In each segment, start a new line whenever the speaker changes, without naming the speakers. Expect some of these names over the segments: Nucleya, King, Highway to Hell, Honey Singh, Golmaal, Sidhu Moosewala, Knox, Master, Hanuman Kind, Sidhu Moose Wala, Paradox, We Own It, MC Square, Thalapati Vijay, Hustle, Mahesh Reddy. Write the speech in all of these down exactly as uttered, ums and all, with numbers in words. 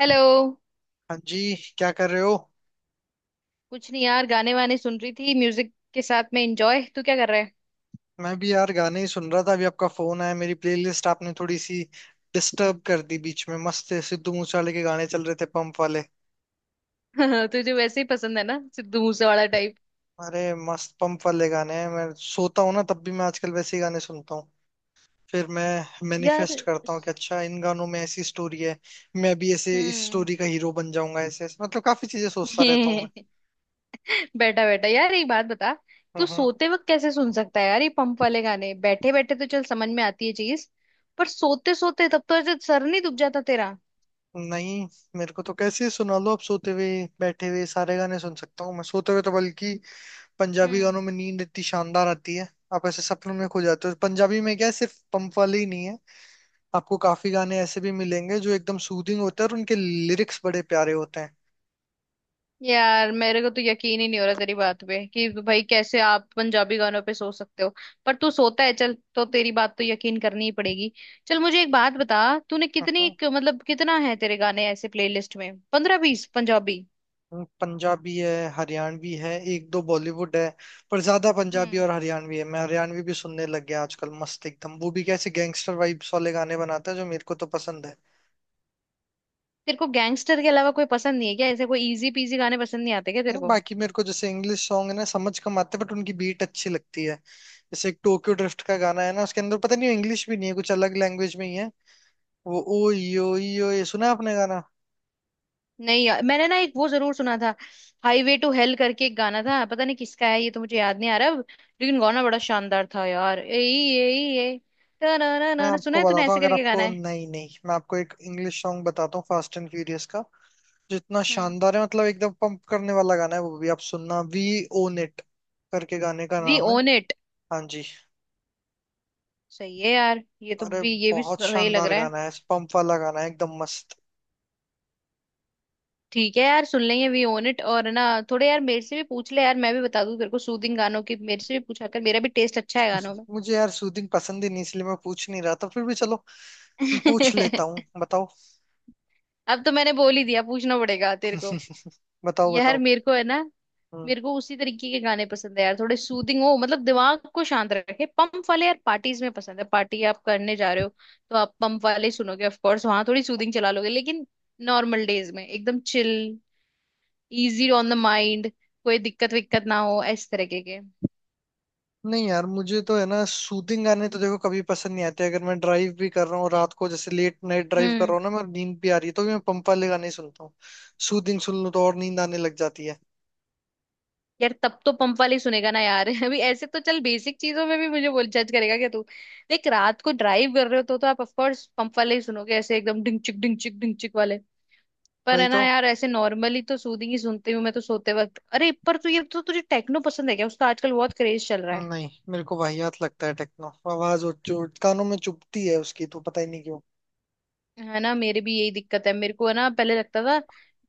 Hello.
हाँ जी, क्या कर रहे हो।
कुछ नहीं यार, गाने वाने सुन रही थी, म्यूजिक के साथ में एंजॉय। तू क्या कर रहा
मैं भी यार गाने ही सुन रहा था, अभी आपका फोन आया, मेरी प्लेलिस्ट आपने थोड़ी सी डिस्टर्ब कर दी बीच में। मस्त सिद्धू मूसेवाले के गाने चल रहे थे, पंप वाले।
है? तुझे वैसे ही पसंद है ना सिद्धू मूसे वाला टाइप।
अरे मस्त पंप वाले गाने हैं, मैं सोता हूँ ना तब भी मैं आजकल वैसे ही गाने सुनता हूँ। फिर मैं
यार
मैनिफेस्ट करता हूँ कि
स-
अच्छा, इन गानों में ऐसी स्टोरी है, मैं भी ऐसे इस
हम्म।
स्टोरी का हीरो बन जाऊंगा। ऐसे ऐसे मतलब काफी चीजें सोचता रहता हूँ मैं।
बैठा बैठा, यार एक बात बता। तू
हम्म।
सोते वक्त कैसे सुन सकता है यार ये पंप वाले गाने? बैठे बैठे तो चल समझ में आती है चीज, पर सोते सोते, तब तो ऐसे सर नहीं दुख जाता तेरा?
नहीं, मेरे को तो कैसे सुना लो, आप सोते हुए बैठे हुए सारे गाने सुन सकता हूँ मैं, सोते हुए तो बल्कि पंजाबी गानों में नींद इतनी शानदार आती है। आप ऐसे सपनों में खो जाते हो। पंजाबी में क्या है, सिर्फ पंप वाले ही नहीं है, आपको काफी गाने ऐसे भी मिलेंगे जो एकदम सूदिंग होते हैं, और उनके लिरिक्स बड़े प्यारे होते हैं।
यार मेरे को तो यकीन ही नहीं हो रहा तेरी बात पे कि भाई कैसे आप पंजाबी गानों पे सो सकते हो। पर तू सोता है, चल तो तेरी बात तो यकीन करनी ही पड़ेगी। चल मुझे एक बात बता, तूने कितनी
हाँ,
क- मतलब कितना है तेरे गाने ऐसे प्लेलिस्ट में? पंद्रह बीस पंजाबी?
पंजाबी है, हरियाणवी है, एक दो बॉलीवुड है, पर ज्यादा पंजाबी
हम्म।
और हरियाणवी है। मैं हरियाणवी भी सुनने लग गया आजकल, मस्त एकदम। वो भी कैसे गैंगस्टर वाइब्स वाले गाने बनाता है, जो मेरे को तो पसंद है।
तेरे को गैंगस्टर के अलावा कोई पसंद नहीं है क्या? ऐसे कोई इजी पीजी गाने पसंद नहीं आते क्या तेरे
नहीं,
को?
बाकी मेरे को जैसे इंग्लिश सॉन्ग है ना, समझ कम आते, बट उनकी बीट अच्छी लगती है। जैसे एक टोक्यो ड्रिफ्ट का गाना है ना, उसके अंदर पता नहीं, इंग्लिश भी नहीं है, कुछ अलग लैंग्वेज में ही है वो। ओ यो यो, ये सुना है आपने गाना?
नहीं यार, मैंने ना एक वो जरूर सुना था, हाईवे टू हेल करके एक गाना था, पता नहीं किसका है, ये तो मुझे याद नहीं आ रहा अब। लेकिन गाना बड़ा शानदार था यार। ए ए ए
मैं
ना सुना
आपको
है तूने?
बताता हूँ,
ऐसे
अगर
करके गाना
आपको
है।
नहीं, नहीं मैं आपको एक इंग्लिश सॉन्ग बताता हूँ, फास्ट एंड फ्यूरियस का, जो इतना
हम्म।
शानदार है। मतलब एकदम पंप करने वाला गाना है, वो भी आप सुनना। वी ओन इट करके गाने का
वी
नाम है।
Own it.
हाँ जी।
सही है यार, ये तो
अरे
भी ये भी
बहुत
सही लग
शानदार
रहा है।
गाना है, पंप वाला गाना है, एकदम मस्त।
ठीक है यार, सुन लेंगे वी ओन इट। और ना थोड़े यार मेरे से भी पूछ ले यार, मैं भी बता दूं तेरे को सूदिंग गानों की। मेरे से भी पूछा कर, मेरा भी टेस्ट अच्छा है गानों में।
मुझे यार सूदिंग पसंद ही नहीं, इसलिए मैं पूछ नहीं रहा था। फिर भी चलो पूछ लेता हूँ, बताओ।
अब तो मैंने बोल ही दिया, पूछना पड़ेगा तेरे को।
बताओ
यार
बताओ।
मेरे को है ना,
हम्म।
मेरे को उसी तरीके के गाने पसंद है यार, थोड़े सूदिंग हो, मतलब दिमाग को शांत रखे। पंप वाले यार पार्टीज में पसंद है, पार्टी आप करने जा रहे हो तो आप पंप वाले ही सुनोगे ऑफ कोर्स, वहां थोड़ी सूदिंग चला लोगे लेकिन। नॉर्मल डेज में एकदम chill, easy on the mind, कोई दिक्कत विक्कत ना हो इस तरीके के।
नहीं यार मुझे तो है ना, सूदिंग गाने तो देखो कभी पसंद नहीं आते। अगर मैं ड्राइव भी कर रहा हूँ रात को, जैसे लेट नाइट ड्राइव कर रहा
हम्म।
हूँ ना, मैं नींद भी आ रही है तो भी मैं पंप वाले गाने सुनता हूँ। सूदिंग सुन लूँ तो और नींद आने लग जाती है।
यार तब तो पंप वाले ही सुनेगा ना यार। अभी ऐसे तो चल बेसिक चीजों में भी मुझे बोल जज करेगा क्या तू? देख रात को ड्राइव कर रहे हो तो तो आप ऑफ कोर्स पंप वाले ही सुनोगे, ऐसे एकदम डिंग चिक डिंग चिक डिंग चिक वाले। पर
वही
है ना
तो।
यार, ऐसे नॉर्मली तो सूदिंग ही सुनती हूँ मैं, तो सोते वक्त। अरे पर तू ये, तो तुझे टेक्नो पसंद है क्या? उसका आजकल बहुत क्रेज चल रहा है।
नहीं मेरे को वाहियात लगता है टेक्नो, आवाज और जो कानों में चुभती है उसकी, तो पता ही नहीं क्यों।
है ना मेरे भी यही दिक्कत है। मेरे को है ना पहले लगता था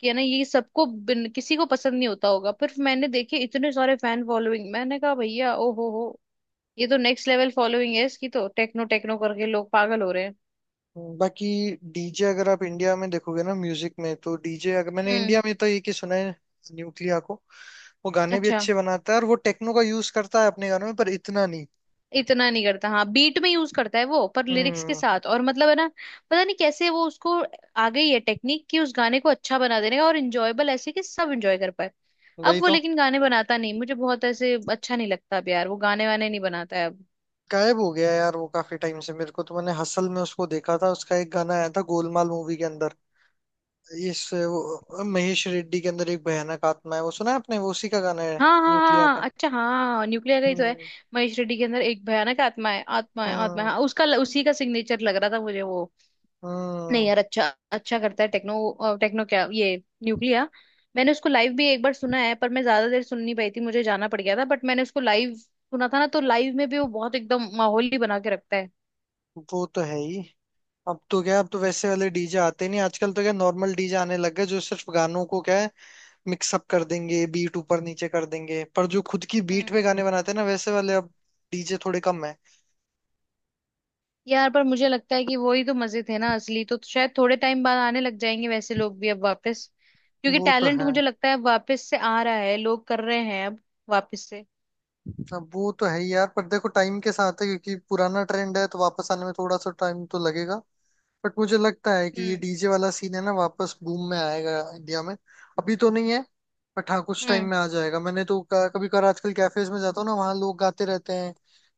कि है ना, ये सबको बिन- किसी को पसंद नहीं होता होगा। पर मैंने देखे इतने सारे फैन फॉलोइंग, मैंने कहा भैया ओ हो हो ये तो नेक्स्ट लेवल फॉलोइंग है इसकी। तो टेक्नो टेक्नो करके लोग पागल हो रहे हैं।
हम्म, बाकी डीजे अगर आप इंडिया में देखोगे ना म्यूजिक में, तो डीजे अगर मैंने
हम्म।
इंडिया में तो एक ही सुना है, न्यूक्लिया को। वो गाने भी
अच्छा
अच्छे बनाता है, और वो टेक्नो का यूज करता है अपने गानों में, पर इतना नहीं।
इतना नहीं करता, हाँ बीट में यूज करता है वो, पर लिरिक्स के
हम्म।
साथ और मतलब है ना, पता नहीं कैसे वो उसको आ गई है टेक्निक कि उस गाने को अच्छा बना देने का और इंजॉयबल ऐसे कि सब इंजॉय कर पाए। अब
वही
वो
तो।
लेकिन गाने बनाता नहीं, मुझे बहुत ऐसे अच्छा नहीं लगता अब यार, वो गाने वाने नहीं बनाता है अब।
गायब हो गया यार वो काफी टाइम से। मेरे को तो मैंने हसल में उसको देखा था, उसका एक गाना आया था गोलमाल मूवी के अंदर। इस वो, महेश रेड्डी के अंदर एक भयानक आत्मा है, वो सुना है आपने? वो उसी का गाना है,
हाँ हाँ
न्यूक्लिया
हाँ हाँ,
का।
अच्छा हाँ, न्यूक्लियर का ही तो है।
हम्म।
महेश रेड्डी के अंदर एक भयानक आत्मा है, आत्मा है, आत्मा है,
हम्म।
हाँ उसका उसी का सिग्नेचर लग रहा था मुझे वो। नहीं
हम्म।
यार, अच्छा अच्छा करता है टेक्नो, अ, टेक्नो क्या ये, न्यूक्लिया। मैंने उसको लाइव भी एक बार सुना है, पर मैं ज्यादा देर सुन नहीं पाई थी, मुझे जाना पड़ गया था, बट मैंने उसको लाइव सुना था ना, तो लाइव में भी वो बहुत एकदम माहौल ही बना के रखता है।
वो तो है ही। अब तो क्या, अब तो वैसे वाले डीजे आते नहीं आजकल। तो क्या नॉर्मल डीजे आने लग गए, जो सिर्फ गानों को क्या है, मिक्सअप कर देंगे, बीट ऊपर नीचे कर देंगे। पर जो खुद की बीट
हम्म।
पे गाने बनाते हैं ना, वैसे वाले अब डीजे थोड़े कम है।
यार पर मुझे लगता है कि वही तो मजे थे ना असली, तो शायद थोड़े टाइम बाद आने लग जाएंगे वैसे लोग भी अब वापस, क्योंकि
वो तो
टैलेंट
है।
मुझे लगता है अब वापस से आ रहा है, लोग कर रहे हैं अब वापस से।
अब वो तो है ही यार, पर देखो टाइम के साथ है, क्योंकि पुराना ट्रेंड है, तो वापस आने में थोड़ा सा टाइम तो लगेगा। बट मुझे लगता है कि ये
हम्म।
डीजे वाला सीन है ना, वापस बूम में आएगा इंडिया में। अभी तो नहीं है, बट हाँ कुछ टाइम
हम्म।
में आ जाएगा। मैंने तो क- कभी कभार आजकल कैफेज में जाता हूँ ना, वहाँ लोग गाते रहते हैं,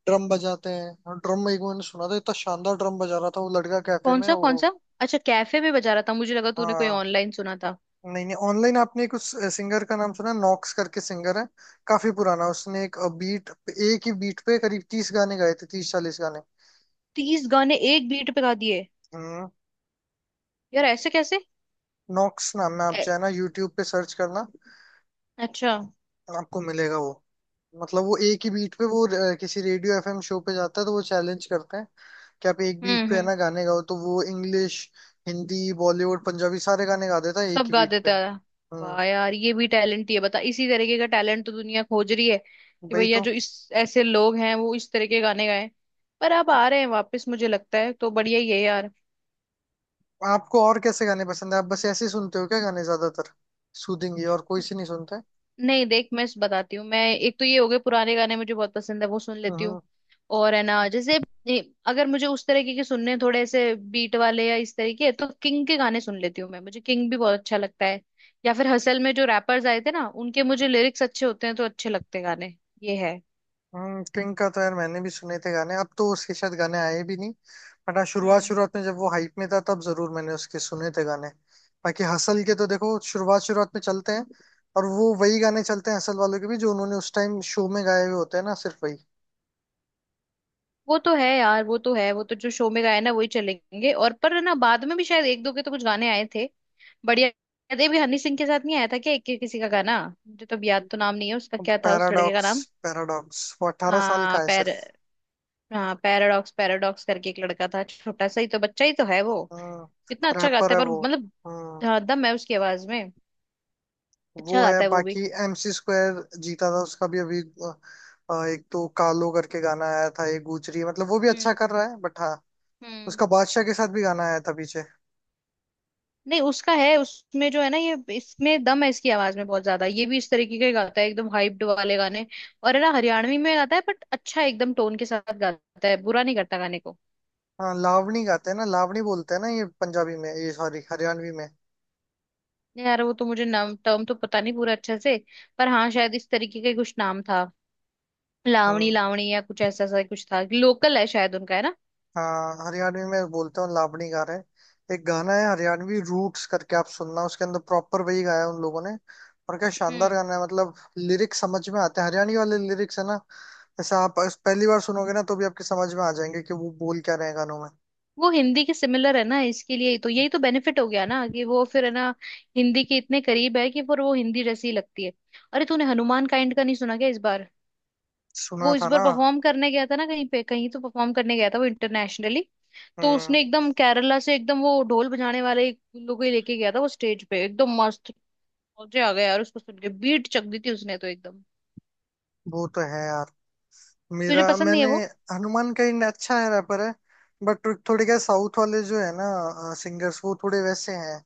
ड्रम बजाते हैं। और ड्रम एक मैंने सुना था, इतना शानदार ड्रम बजा रहा था वो लड़का कैफे
कौन
में
सा कौन
वो।
सा? अच्छा कैफे में बजा रहा था, मुझे लगा तूने कोई
हाँ,
ऑनलाइन सुना था।
नहीं नहीं, ऑनलाइन आपने एक उस सिंगर का नाम सुना, नॉक्स करके सिंगर है, काफी पुराना। उसने एक बीट, एक ही बीट पे करीब तीस गाने गाए थे, तीस चालीस गाने।
तीस गाने एक बीट पे गा दिए?
हम्म।
यार ऐसे कैसे!
नॉक्स नाम है, आप
ए-
चाहे ना यूट्यूब पे सर्च करना,
अच्छा।
आपको मिलेगा वो। मतलब वो एक ही बीट पे वो अ, किसी रेडियो एफएम शो पे जाता है, तो वो चैलेंज करते हैं कि आप एक बीट
हम्म।
पे है
हम्म।
ना गाने गाओ, तो वो इंग्लिश, हिंदी, बॉलीवुड, पंजाबी सारे गाने गा देता है एक
सब
ही
गा
बीट पे।
देता है।
हम्म।
वाह यार ये भी टैलेंट ही है। बता, इसी तरीके का टैलेंट तो दुनिया खोज रही है कि
वही
भैया
तो।
जो इस, ऐसे लोग हैं वो इस तरह के गाने गाएं। पर अब आ रहे हैं वापस, मुझे लगता है, तो बढ़िया ही है यार।
आपको और कैसे गाने पसंद है? आप बस ऐसे ही सुनते हो क्या गाने ज्यादातर, सूदिंग, और कोई से नहीं सुनते?
नहीं देख मैं बताती हूँ, मैं एक तो ये हो गए पुराने गाने, मुझे बहुत पसंद है वो सुन लेती हूँ।
हम्म।
और है ना जैसे ए, अगर मुझे उस तरीके के सुनने हैं, थोड़े ऐसे बीट वाले या इस तरीके, तो किंग के गाने सुन लेती हूँ मैं, मुझे किंग भी बहुत अच्छा लगता है। या फिर हसल में जो रैपर्स आए थे ना, उनके मुझे लिरिक्स अच्छे होते हैं, तो अच्छे लगते हैं गाने। ये है।
हम्म, किंग का तो यार मैंने भी सुने थे गाने। अब तो उसके शायद गाने आए भी नहीं, बट हाँ शुरुआत
हम्म।
शुरुआत में जब वो हाइप में था, तब जरूर मैंने उसके सुने थे गाने। बाकी हसल के तो देखो शुरुआत शुरुआत में चलते हैं, और वो वही गाने चलते हैं हसल वालों के भी, जो उन्होंने उस टाइम शो में गाए हुए होते हैं ना, सिर्फ वही।
वो तो है यार, वो तो है, वो तो जो शो में गाए ना वही चलेंगे। और पर ना बाद में भी शायद एक दो के तो कुछ गाने आए थे। बढ़िया। ये भी हनी सिंह के साथ नहीं आया था क्या एक के किसी का गाना? मुझे तो अब याद तो नाम नहीं है उसका, क्या था उस लड़के का
पैराडॉक्स,
नाम?
पैराडॉक्स वो अठारह साल का
हाँ
है
पैर
सिर्फ।
हाँ पैराडॉक्स, पैराडॉक्स करके एक लड़का था, छोटा सा ही तो, बच्चा ही तो है वो,
हाँ,
कितना अच्छा गाता
रैपर
है।
है
पर
वो।
मतलब
हम्म।
हाँ, दम है उसकी आवाज में। अच्छा
वो है,
गाता है वो भी।
बाकी एमसी स्क्वायर जीता था उसका भी अभी। अ, अ, एक तो कालो करके गाना आया था, एक गुजरी, मतलब वो भी अच्छा
हम्म।
कर रहा है, बट हाँ
हम्म।
उसका बादशाह के साथ भी गाना आया था पीछे।
नहीं उसका है उसमें जो है ना ये, इसमें दम है इसकी आवाज में बहुत ज्यादा, ये भी इस तरीके का ही गाता है, एकदम हाइप्ड वाले गाने। और है ना हरियाणवी में गाता है, बट अच्छा एकदम टोन के साथ गाता है, बुरा नहीं करता गाने को।
हाँ लावणी गाते हैं ना, लावणी बोलते हैं ना, ये पंजाबी में, ये सॉरी हरियाणवी में।
यार वो तो मुझे नाम टर्म तो पता नहीं पूरा अच्छे से, पर हाँ शायद इस तरीके का ही कुछ नाम था। लावणी
हम्म।
लावणी या कुछ ऐसा, ऐसा कुछ था, लोकल है शायद उनका है ना।
हाँ हरियाणवी में बोलते हैं, लावणी गा रहे हैं। एक गाना है हरियाणवी रूट्स करके, आप सुनना, उसके अंदर प्रॉपर वही गाया है उन लोगों ने। और क्या शानदार
हम्म।
गाना है, मतलब लिरिक्स समझ में आते हैं, हरियाणवी वाले लिरिक्स है ना, जैसे आप इस- पहली बार सुनोगे ना तो भी आपके समझ में आ जाएंगे कि वो बोल क्या रहे हैं गानों में।
वो हिंदी के सिमिलर है ना, इसके लिए ही तो, यही तो बेनिफिट हो गया ना कि वो फिर है ना हिंदी के इतने करीब है कि फिर वो हिंदी जैसी ही लगती है। अरे तूने हनुमान काइंड का नहीं सुना क्या इस बार?
सुना
वो इस
था
बार
ना।
परफॉर्म करने गया था ना कहीं पे, कहीं तो परफॉर्म करने गया था वो इंटरनेशनली। तो
हम्म।
उसने एकदम केरला से एकदम वो ढोल बजाने वाले एक लोगों को ही लेके गया था वो, स्टेज पे एकदम मस्त मजे आ गए यार उसको सुन के, बीट चक दी थी उसने तो एकदम।
वो तो है यार। मेरा
तुझे पसंद नहीं है
मैंने
वो?
हनुमान कहीं अच्छा है, रैपर है, बट थोड़े क्या, साउथ वाले जो है ना सिंगर्स, वो थोड़े वैसे हैं।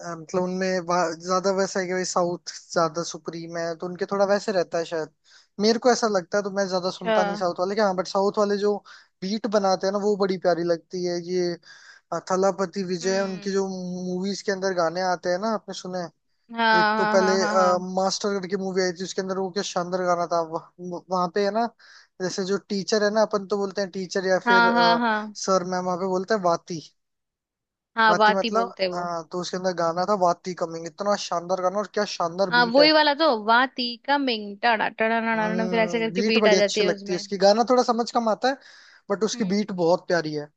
अ, मतलब उनमें वा- ज्यादा वैसा है कि भाई साउथ ज्यादा सुप्रीम है, तो उनके थोड़ा वैसे रहता है शायद। मेरे को ऐसा लगता है, तो मैं ज्यादा
अच्छा।
सुनता नहीं साउथ वाले के। हाँ बट साउथ वाले जो बीट बनाते हैं ना, वो बड़ी प्यारी लगती है। ये अ, थलापति विजय, उनकी
हम्म।
जो मूवीज के अंदर गाने आते हैं ना, आपने सुने हैं? एक
हाँ
तो
हाँ
पहले
हाँ
अ,
हाँ
मास्टर करके मूवी आई थी, उसके अंदर वो क्या शानदार गाना था वह, वहां पे है ना जैसे जो टीचर है ना, अपन तो बोलते हैं टीचर या फिर
हाँ हाँ हाँ
अ,
हाँ।
सर मैम, वहां पे बोलते हैं वाती।
हाँ
वाती
वाती
मतलब,
बोलते हैं वो।
हाँ, तो उसके अंदर गाना था वाती कमिंग, इतना शानदार गाना, और क्या शानदार
हाँ
बीट
वही
है।
वाला तो, वाती कमिंग टाड़ा टाड़ा, ना फिर ऐसे
हम्म,
करके
बीट
बीट आ
बड़ी
जाती
अच्छी
है
लगती है
उसमें।
उसकी, गाना थोड़ा समझ कम आता है, बट उसकी
हम्म।
बीट बहुत प्यारी है।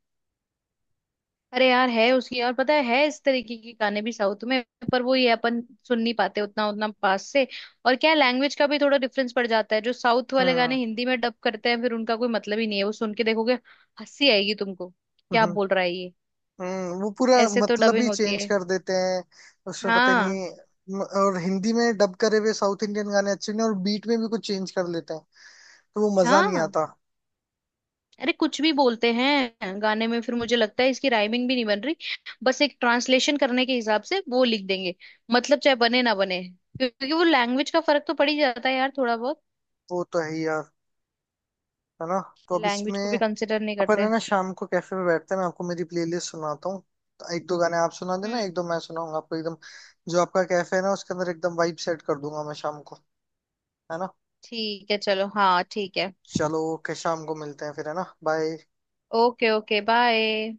अरे यार है उसकी, और पता है है इस तरीके के गाने भी साउथ में। पर वो ये अपन सुन नहीं पाते उतना, उतना पास से। और क्या लैंग्वेज का भी थोड़ा डिफरेंस पड़ जाता है, जो साउथ वाले गाने
हम्म।
हिंदी में डब करते हैं, फिर उनका कोई मतलब ही नहीं है। वो सुन के देखोगे हंसी आएगी तुमको, क्या
हम्म।
बोल रहा है ये।
हम्म, वो पूरा
ऐसे तो
मतलब
डबिंग
ही
होती
चेंज
है।
कर देते हैं, उसमें पता
हाँ।
नहीं। म- और हिंदी में डब करे हुए साउथ इंडियन गाने अच्छे नहीं, और बीट में भी कुछ चेंज कर लेते हैं, तो वो मजा नहीं
हाँ।
आता।
अरे कुछ भी बोलते हैं गाने में, फिर मुझे लगता है इसकी राइमिंग भी नहीं बन रही, बस एक ट्रांसलेशन करने के हिसाब से वो लिख देंगे। मतलब चाहे बने ना बने, क्योंकि वो लैंग्वेज का फर्क तो पड़ ही जाता है यार थोड़ा बहुत।
वो तो है ही यार, है ना। तो अब
लैंग्वेज
इसमें
को भी कंसिडर नहीं
अपन है
करते।
ना शाम को कैफे पे बैठते हैं, मैं आपको मेरी प्लेलिस्ट सुनाता हूँ। तो एक दो गाने आप सुना देना, एक
हम्म।
दो मैं सुनाऊंगा आपको एकदम। जो आपका कैफे है ना, उसके अंदर एकदम वाइब सेट कर दूंगा मैं शाम को, है ना।
ठीक है चलो, हाँ ठीक है।
चलो ओके, शाम को मिलते हैं फिर, है ना, बाय।
Okay, okay bye.